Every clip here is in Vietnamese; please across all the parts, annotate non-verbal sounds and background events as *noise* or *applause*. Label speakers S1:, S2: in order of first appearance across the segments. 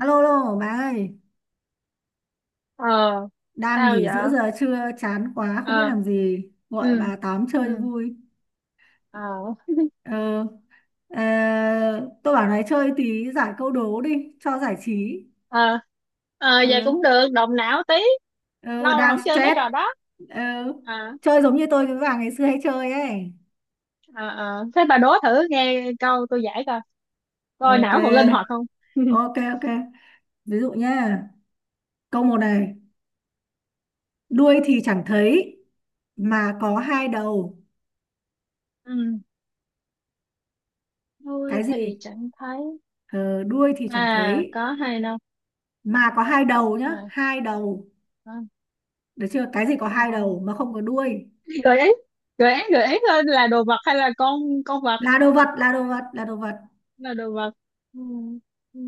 S1: Alo, alo, bà ơi,
S2: Ờ,
S1: đang
S2: sao
S1: nghỉ giữa
S2: vậy?
S1: giờ trưa, chán quá, không biết
S2: Ờ.
S1: làm gì, gọi
S2: Ừ.
S1: bà tám chơi cho
S2: Ừ.
S1: vui.
S2: Ờ.
S1: Ờ, ờ, tôi bảo này chơi tí giải câu đố đi, cho giải trí.
S2: Ờ. Ờ,
S1: Ờ,
S2: vậy cũng được, động não tí.
S1: ờ,
S2: Lâu rồi
S1: đang
S2: không chơi mấy
S1: stress.
S2: trò đó.
S1: Ờ,
S2: Ờ.
S1: chơi giống như tôi với bà ngày xưa hay chơi ấy.
S2: Ờ. Ờ, thế bà đố thử, nghe câu tôi giải coi, coi
S1: Ok,
S2: não còn linh hoạt không. *laughs*
S1: ok. Ví dụ nhá, câu một này, đuôi thì chẳng thấy, mà có hai đầu.
S2: Ừ. Tôi
S1: Cái
S2: thì
S1: gì?
S2: chẳng thấy
S1: Ờ, đuôi thì chẳng
S2: mà
S1: thấy,
S2: có hay đâu,
S1: mà có hai đầu nhá,
S2: mà
S1: hai đầu,
S2: có.
S1: được chưa? Cái gì có
S2: Ờ.
S1: hai đầu mà không có đuôi?
S2: Gợi ý, gợi ý, gợi ý thôi, là đồ vật hay là con vật?
S1: Là đồ vật, là đồ vật.
S2: Là đồ vật. Ừ. Ừ.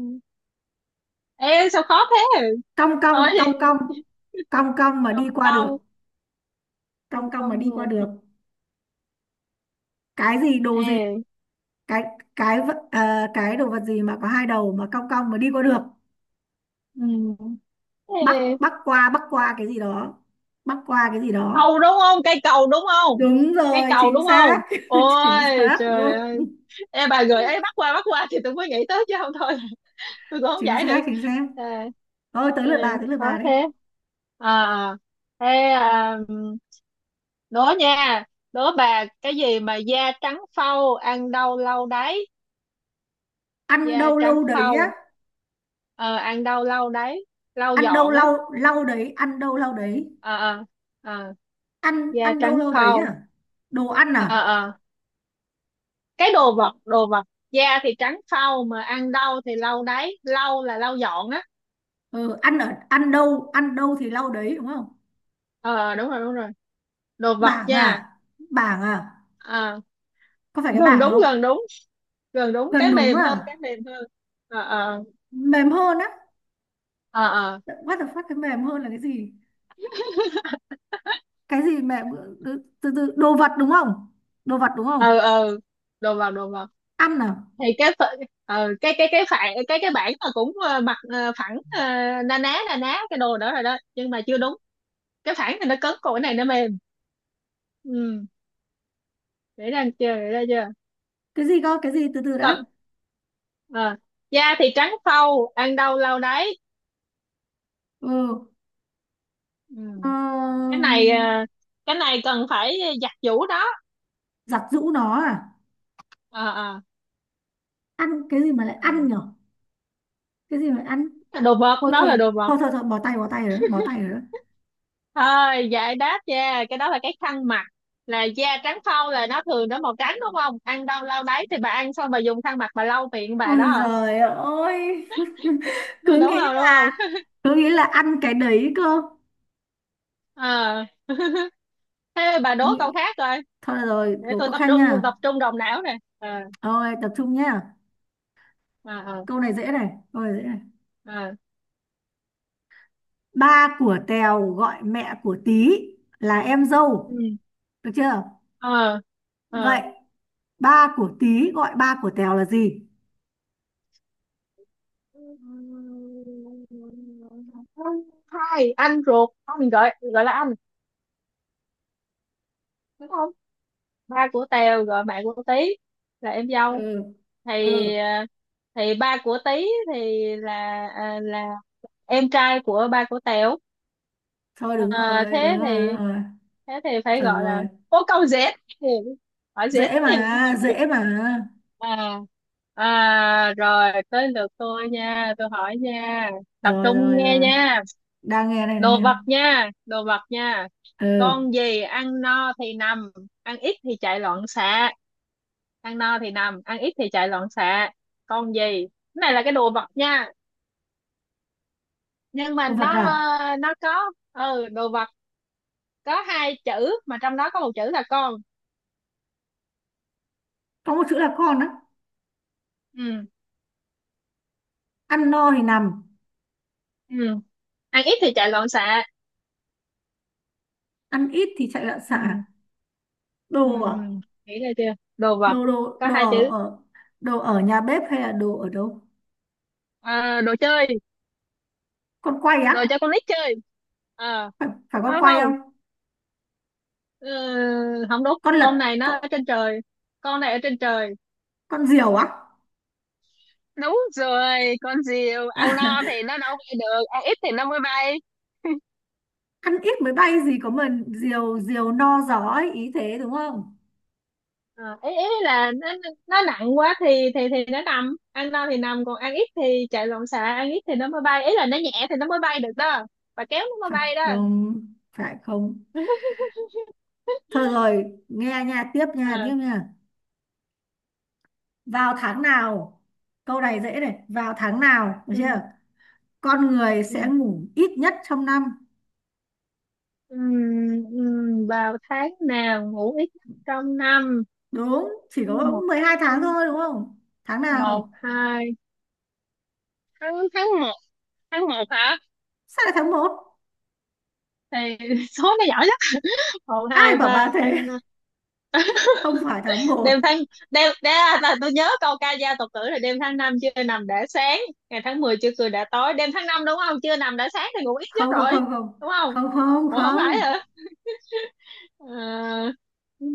S2: Ê, sao khó thế?
S1: cong cong
S2: Thôi
S1: cong
S2: *laughs*
S1: cong
S2: thì.
S1: cong cong mà
S2: Không
S1: đi qua được.
S2: đâu.
S1: Cong
S2: Không,
S1: cong mà
S2: không
S1: đi qua
S2: là.
S1: được. Cái gì, đồ gì?
S2: Ê.
S1: cái cái cái đồ vật gì mà có hai đầu mà cong cong mà đi qua được?
S2: Ừ.
S1: bắc
S2: Ê,
S1: bắc qua bắc qua cái gì đó. Bắc qua cái gì đó.
S2: cầu đúng không? Cây cầu đúng không?
S1: Đúng
S2: Cây
S1: rồi,
S2: cầu
S1: chính
S2: đúng không?
S1: xác. *laughs* Chính
S2: Ôi
S1: xác
S2: trời
S1: luôn.
S2: ơi! Ê, bà gợi ấy, bắt qua, bắt qua thì tôi mới nghĩ tới, chứ không thôi *laughs* tôi cũng không
S1: Chính
S2: giải
S1: xác,
S2: được.
S1: chính xác.
S2: Ê.
S1: Thôi, tới
S2: Ê,
S1: lượt bà, tới lượt
S2: khó
S1: bà đây.
S2: thế. À, thế. À, đố nha. Đố bà, cái gì mà da trắng phau, ăn đâu lâu đấy?
S1: Ăn
S2: Da
S1: đâu
S2: trắng
S1: lâu đấy á?
S2: phau. Ờ, ăn đâu lâu đấy, lau
S1: ăn đâu
S2: dọn á.
S1: lau lau đấy ăn đâu lau đấy.
S2: Ờ, ờ. Ờ.
S1: ăn
S2: Da
S1: ăn đâu
S2: trắng
S1: lau đấy
S2: phau.
S1: à? Đồ ăn
S2: Ờ,
S1: à?
S2: ờ. Cái đồ vật, đồ vật, da thì trắng phau mà ăn đau thì lau đáy, lau là lau dọn á.
S1: Ừ, Ăn ăn đâu, ăn đâu thì lau đấy đúng không?
S2: Ờ, đúng rồi, đúng rồi. Đồ vật,
S1: Bảng
S2: da.
S1: à? Bảng à?
S2: Ờ,
S1: Có phải cái
S2: gần
S1: bảng
S2: đúng,
S1: không?
S2: gần đúng. Gần đúng,
S1: Gần
S2: cái
S1: đúng
S2: mềm hơn,
S1: à?
S2: cái mềm hơn. Ờ, ờ.
S1: Mềm hơn á?
S2: Ờ, ờ.
S1: What the fuck, cái mềm hơn là cái gì? Cái gì mềm? Ờ, từ từ từ- đồ vật đúng không? Đồ vật đúng
S2: Ờ,
S1: không?
S2: ờ. Đồ vật, đồ vật.
S1: Ăn à?
S2: Thì cái phở-, ờ, cái phản, cái bảng là cũng, ờ, mặt, ờ, phẳng, ờ, na ná, na ná cái đồ đó rồi đó, nhưng mà chưa đúng. Cái phẳng thì nó cứng, còn cái này nó mềm. Ừ, để ra chưa, để ra
S1: Cái gì cơ, cái gì, từ từ đã.
S2: chưa? Ờ, da thì trắng phau, ăn đâu lâu đấy.
S1: Ừ.
S2: Ừ.
S1: Ờ,
S2: Cái này, ờ, cái này cần phải giặt giũ đó.
S1: giặt giũ nó à?
S2: Ờ, ờ.
S1: Ăn cái gì mà lại
S2: Ờ.
S1: ăn nhở? Cái gì mà ăn?
S2: Cái đồ vật,
S1: thôi
S2: nó
S1: thôi
S2: là đồ vật.
S1: thôi thôi thôi bỏ tay, bỏ tay rồi đó, bỏ tay rồi đó.
S2: Thôi, giải đáp, da cái đó là cái khăn mặt. Là da trắng phau là nó thường nó màu trắng đúng không, ăn đâu lau đấy thì bà ăn xong bà dùng khăn mặt bà lau miệng bà
S1: Ôi
S2: đó.
S1: giời ơi. *laughs*
S2: *laughs* À, đúng
S1: Cứ nghĩ
S2: không, đúng không?
S1: là, cứ nghĩ là ăn cái đấy cơ.
S2: Ờ. *laughs* Thế bà
S1: Cứ
S2: đố câu
S1: nghĩ-
S2: khác rồi.
S1: thôi được rồi,
S2: Để
S1: cố
S2: tôi
S1: có
S2: tập
S1: khăn
S2: trung,
S1: nha.
S2: tập trung đầu não nè. Ờ,
S1: Ôi tập trung nha.
S2: ờ, ờ.
S1: Câu này dễ này, câu này dễ này.
S2: Ờ.
S1: Ba của Tèo gọi mẹ của Tí là em
S2: Ừ.
S1: dâu, được chưa?
S2: Ờ,
S1: Vậy
S2: ờ.
S1: ba của Tí gọi ba của Tèo là gì?
S2: Hai anh ruột không, mình gọi, gọi là anh, đúng không? Ba của Tèo gọi mẹ của Tí là em dâu,
S1: Ừ.
S2: thì,
S1: Ừ.
S2: ờ, thì ba của Tí thì là, à, là em trai của ba của Tèo.
S1: Thôi
S2: Ờ,
S1: đúng rồi, đúng
S2: thế
S1: rồi, đúng
S2: thì,
S1: rồi.
S2: thế thì phải
S1: Chuẩn
S2: gọi là
S1: rồi.
S2: bố. Câu dễ, hỏi dễ.
S1: Dễ mà, dễ mà.
S2: À, à, rồi tới lượt tôi nha, tôi hỏi nha. Tập
S1: Rồi
S2: trung
S1: rồi
S2: nghe
S1: rồi,
S2: nha.
S1: đang nghe đây, đang
S2: Đồ
S1: nghe đây.
S2: vật nha, đồ vật nha.
S1: Ừ.
S2: Con gì ăn no thì nằm, ăn ít thì chạy loạn xạ? Ăn no thì nằm, ăn ít thì chạy loạn xạ. Con gì, cái này là cái đồ vật nha, nhưng mà
S1: Con vật
S2: nó,
S1: à?
S2: ờ, nó có, ừ, đồ vật, có hai chữ, mà trong đó có một chữ là con.
S1: Có một chữ là con á?
S2: Ừ.
S1: Ăn no thì nằm,
S2: Ừ. Ăn ít thì chạy loạn xạ.
S1: ăn ít thì chạy loạn xạ.
S2: Ừ. Ừ.
S1: Đồ à?
S2: Ừ, nghĩ ra chưa, đồ vật
S1: đồ đồ
S2: có
S1: đồ
S2: hai
S1: ở
S2: chữ.
S1: ở đồ ở nhà bếp hay là đồ ở đâu?
S2: Ờ, đồ chơi,
S1: Con quay á?
S2: đồ cho con nít chơi. Ờ.
S1: Phải, phải con
S2: Không,
S1: quay
S2: không.
S1: không?
S2: Ừ, không đúng,
S1: Con
S2: con này
S1: lật, con
S2: nó ở trên trời. Con này ở trên trời.
S1: con diều á?
S2: Đúng rồi, con diều, ăn no thì
S1: *laughs*
S2: nó đâu bay được, ăn ít thì nó mới bay.
S1: Ăn ít mới bay gì có mà diều diều no gió ấy, ý thế đúng không?
S2: À, ý là nó nặng quá thì nó nằm, ăn no thì nằm, còn ăn ít thì chạy loạn xạ, ăn ít thì nó mới bay, ý là nó nhẹ thì nó mới bay được đó. Bà kéo nó mới
S1: Phải
S2: bay đó.
S1: không? Phải không?
S2: *laughs*
S1: Thôi rồi, nghe nha, tiếp nha,
S2: À.
S1: tiếp nha. Vào tháng nào? Câu này dễ này, vào tháng nào, được
S2: Ừ,
S1: chưa? Con người
S2: ừ,
S1: sẽ ngủ ít nhất trong năm.
S2: ừ, ừ, vào tháng nào ngủ ít nhất trong năm.
S1: Đúng, chỉ
S2: Tháng
S1: có
S2: một.
S1: 12
S2: Tháng.
S1: tháng thôi đúng không? Tháng
S2: Một
S1: nào?
S2: hai. Tháng, tháng một. Tháng một hả?
S1: Sao lại tháng một?
S2: Thì *laughs* số nó giỏi nhất, một
S1: Ai
S2: hai
S1: bảo bà
S2: ba ăn
S1: thế?
S2: năm.
S1: *laughs* Không phải tháng
S2: Đêm
S1: một.
S2: tháng, đêm đêm, à, là tôi nhớ câu ca dao tục tử là đêm tháng năm chưa nằm đã sáng, ngày tháng 10 chưa cười đã tối. Đêm tháng năm đúng không, chưa nằm đã sáng thì ngủ ít nhất
S1: không không
S2: rồi.
S1: không không
S2: Đúng không?
S1: không,
S2: Ủa, không phải
S1: không.
S2: hả? Ờ,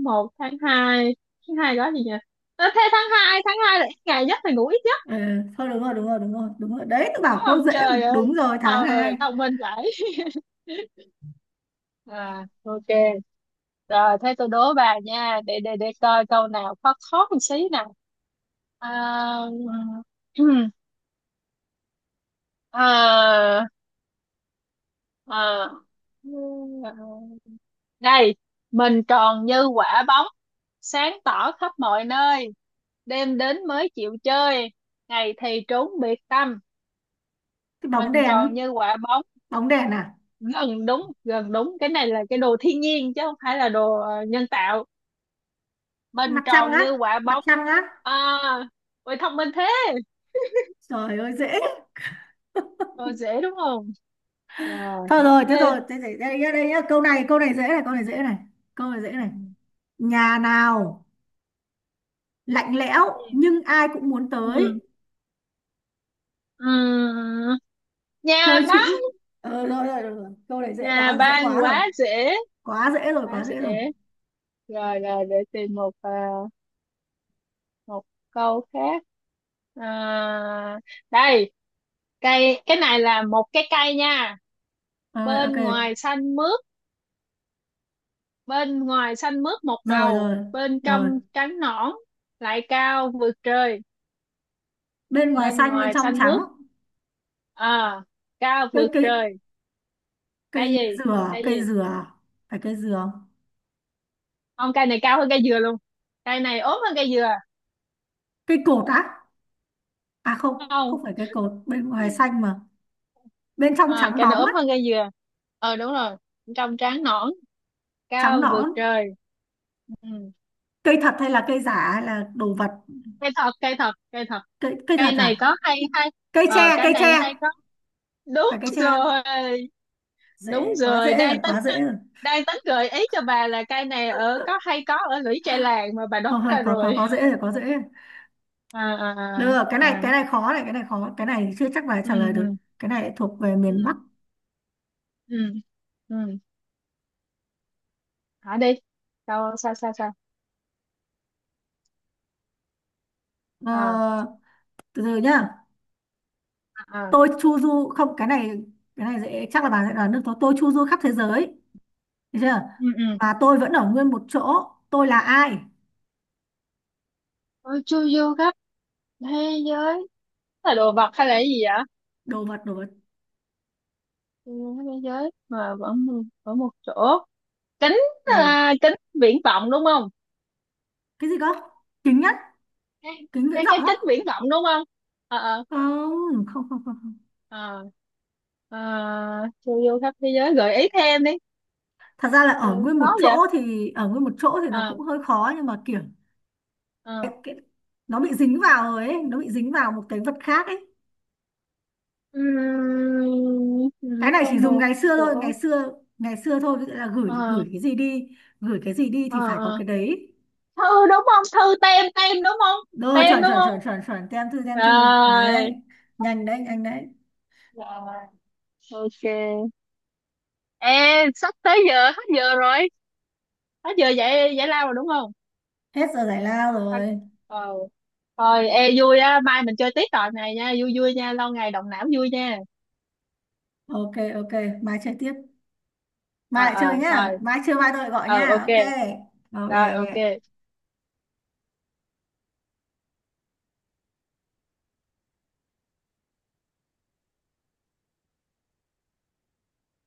S2: một, tháng hai. Tháng hai đó gì nhỉ? Ờ, thế tháng hai, tháng hai là ít ngày nhất thì ngủ ít nhất.
S1: Ừ, thôi đúng rồi, đúng rồi, đấy, tôi
S2: Đúng
S1: bảo cô
S2: không,
S1: dễ mà.
S2: trời ơi!
S1: Đúng rồi, tháng
S2: Ờ,
S1: hai.
S2: thông minh vậy. *laughs* À, ok. Rồi thế tôi đố bà nha, để coi câu nào khó khó một xí nào. À, *clears throat* à, à, đây. Mình tròn như quả bóng, sáng tỏ khắp mọi nơi, đêm đến mới chịu chơi, ngày thì trốn biệt tâm.
S1: Cái bóng
S2: Mình
S1: đèn.
S2: tròn như quả bóng.
S1: Bóng đèn à?
S2: Gần đúng, gần đúng, cái này là cái đồ thiên nhiên chứ không phải là đồ, ờ, nhân tạo. Mình
S1: Mặt trăng
S2: tròn như
S1: á?
S2: quả
S1: Mặt
S2: bóng.
S1: trăng á?
S2: À, ôi thông minh thế!
S1: Trời ơi dễ.
S2: Rồi dễ đúng không? Rồi,
S1: Thôi rồi, thế
S2: thế.
S1: rồi thế đây đây, nhá, đây nhá. Câu này dễ này, câu
S2: Ừ.
S1: này dễ này câu này dễ này. Nhà nào lạnh lẽo
S2: Ừ.
S1: nhưng ai cũng muốn
S2: Ừ.
S1: tới?
S2: Ừ. Nhà
S1: Chơi
S2: bác.
S1: chữ. Ờ rồi rồi rồi rồi. Câu này dễ
S2: Nhà
S1: quá, dễ
S2: ban,
S1: quá rồi.
S2: quá dễ.
S1: Quá dễ rồi,
S2: Quá
S1: quá dễ rồi.
S2: dễ rồi. Rồi, để tìm một, à, một câu khác. À, đây. Cây, cái này là một cái cây nha.
S1: Ờ, rồi, ok.
S2: Bên ngoài xanh mướt, bên ngoài xanh mướt một
S1: Rồi
S2: màu,
S1: rồi
S2: bên
S1: rồi.
S2: trong trắng nõn, lại cao vượt trời.
S1: Bên ngoài
S2: Bên
S1: xanh, bên
S2: ngoài
S1: trong
S2: xanh
S1: trắng.
S2: mướt, à, cao
S1: cây
S2: vượt
S1: cây
S2: trời. Cây
S1: cây
S2: gì?
S1: dừa,
S2: Cây
S1: cây
S2: gì?
S1: dừa. Phải cây dừa không?
S2: Không, cây này cao hơn cây dừa luôn. Cây này ốm hơn cây dừa.
S1: Cây cột á? À không.
S2: Không.
S1: Không phải cây cột, bên ngoài xanh mà bên trong
S2: À,
S1: trắng
S2: cây này
S1: bóng á.
S2: ốm hơn cây dừa. Ờ, đúng rồi, trong trắng nõn,
S1: Trắng
S2: cao vượt
S1: nõn.
S2: trời. Ừ.
S1: Cây thật hay là cây giả hay là đồ vật?
S2: Cây thật, cây thật, cây thật.
S1: Cây Cây thật
S2: Cây này
S1: à?
S2: có hay hay.
S1: Cây
S2: Ờ,
S1: tre,
S2: cây
S1: cây
S2: này
S1: tre.
S2: hay có. Đúng
S1: Phải cây tre không?
S2: rồi, đúng
S1: Dễ quá,
S2: rồi,
S1: dễ rồi,
S2: đang tính,
S1: quá dễ rồi.
S2: đang tính gợi ý cho bà là cây này ở có hay có ở lũy tre làng, mà bà đoán
S1: Thôi thôi
S2: ra
S1: có có
S2: rồi.
S1: có dễ rồi, có dễ rồi.
S2: À, à,
S1: Được,
S2: à.
S1: cái
S2: À.
S1: này khó này, cái này khó, cái này chưa chắc là
S2: Ừ.
S1: trả lời được.
S2: Ừ.
S1: Cái này thuộc về
S2: Ừ.
S1: miền Bắc.
S2: Ừ. Ừ. Hả, đi! Sao, sao, sao, sao? À,
S1: Ờ, từ từ nhá.
S2: à. À.
S1: Tôi chu du không, cái này dễ chắc là bà sẽ đoán được tôi. Tôi chu du khắp thế giới, được chưa?
S2: Ừ. Ừ.
S1: Và tôi vẫn ở nguyên một chỗ. Tôi là ai?
S2: Ôi, chu du khắp thế giới. Là đồ vật hay là cái gì vậy?
S1: Đồ vật, đồ vật.
S2: Chu du khắp thế giới mà vẫn ở một chỗ. Kính.
S1: Ừ.
S2: À, kính viễn vọng đúng không?
S1: Cái gì cơ? Kính nhất,
S2: Cái,
S1: kính viễn vọng
S2: cái
S1: á?
S2: kính viễn vọng đúng không? Ờ, ờ.
S1: Không.
S2: Ờ. À, chu du khắp thế giới, gợi ý thêm đi.
S1: Thật ra là
S2: Ừ,
S1: ở nguyên
S2: khó
S1: một
S2: vậy.
S1: chỗ, thì ở nguyên một chỗ thì nó cũng
S2: Ờ.
S1: hơi khó nhưng mà kiểu
S2: Ờ.
S1: nó bị dính vào rồi ấy, nó bị dính vào một cái vật khác ấy.
S2: Ừm,
S1: Cái này chỉ
S2: trong
S1: dùng
S2: một
S1: ngày xưa thôi,
S2: chỗ.
S1: ngày xưa thôi, ví dụ là gửi
S2: Ờ.
S1: gửi cái gì đi, gửi cái gì đi
S2: Ờ.
S1: thì phải có
S2: Ờ,
S1: cái đấy.
S2: thư, đúng không, thư tem, tem đúng không?
S1: Rồi,
S2: Tem
S1: chuẩn
S2: đúng
S1: chuẩn
S2: không?
S1: chuẩn chuẩn chuẩn, tem thư, tem thư.
S2: Rồi.
S1: Đấy, nhanh đấy, nhanh đấy.
S2: Rồi, ok. Ê, sắp tới giờ, hết giờ rồi. Hết giờ giải giải lao rồi đúng không?
S1: Hết giờ giải lao
S2: Ta-,
S1: rồi.
S2: ờ, thôi, ê, vui á, mai mình chơi tiếp trò này nha, vui vui nha, lâu ngày động não vui nha.
S1: Ok, ok, mai chơi tiếp. Mai
S2: Ờ,
S1: lại chơi
S2: ờ,
S1: nhá,
S2: thôi.
S1: mai chưa mai tôi lại gọi
S2: Ờ,
S1: nhá.
S2: ok.
S1: Ok ok
S2: Rồi, ok.
S1: ok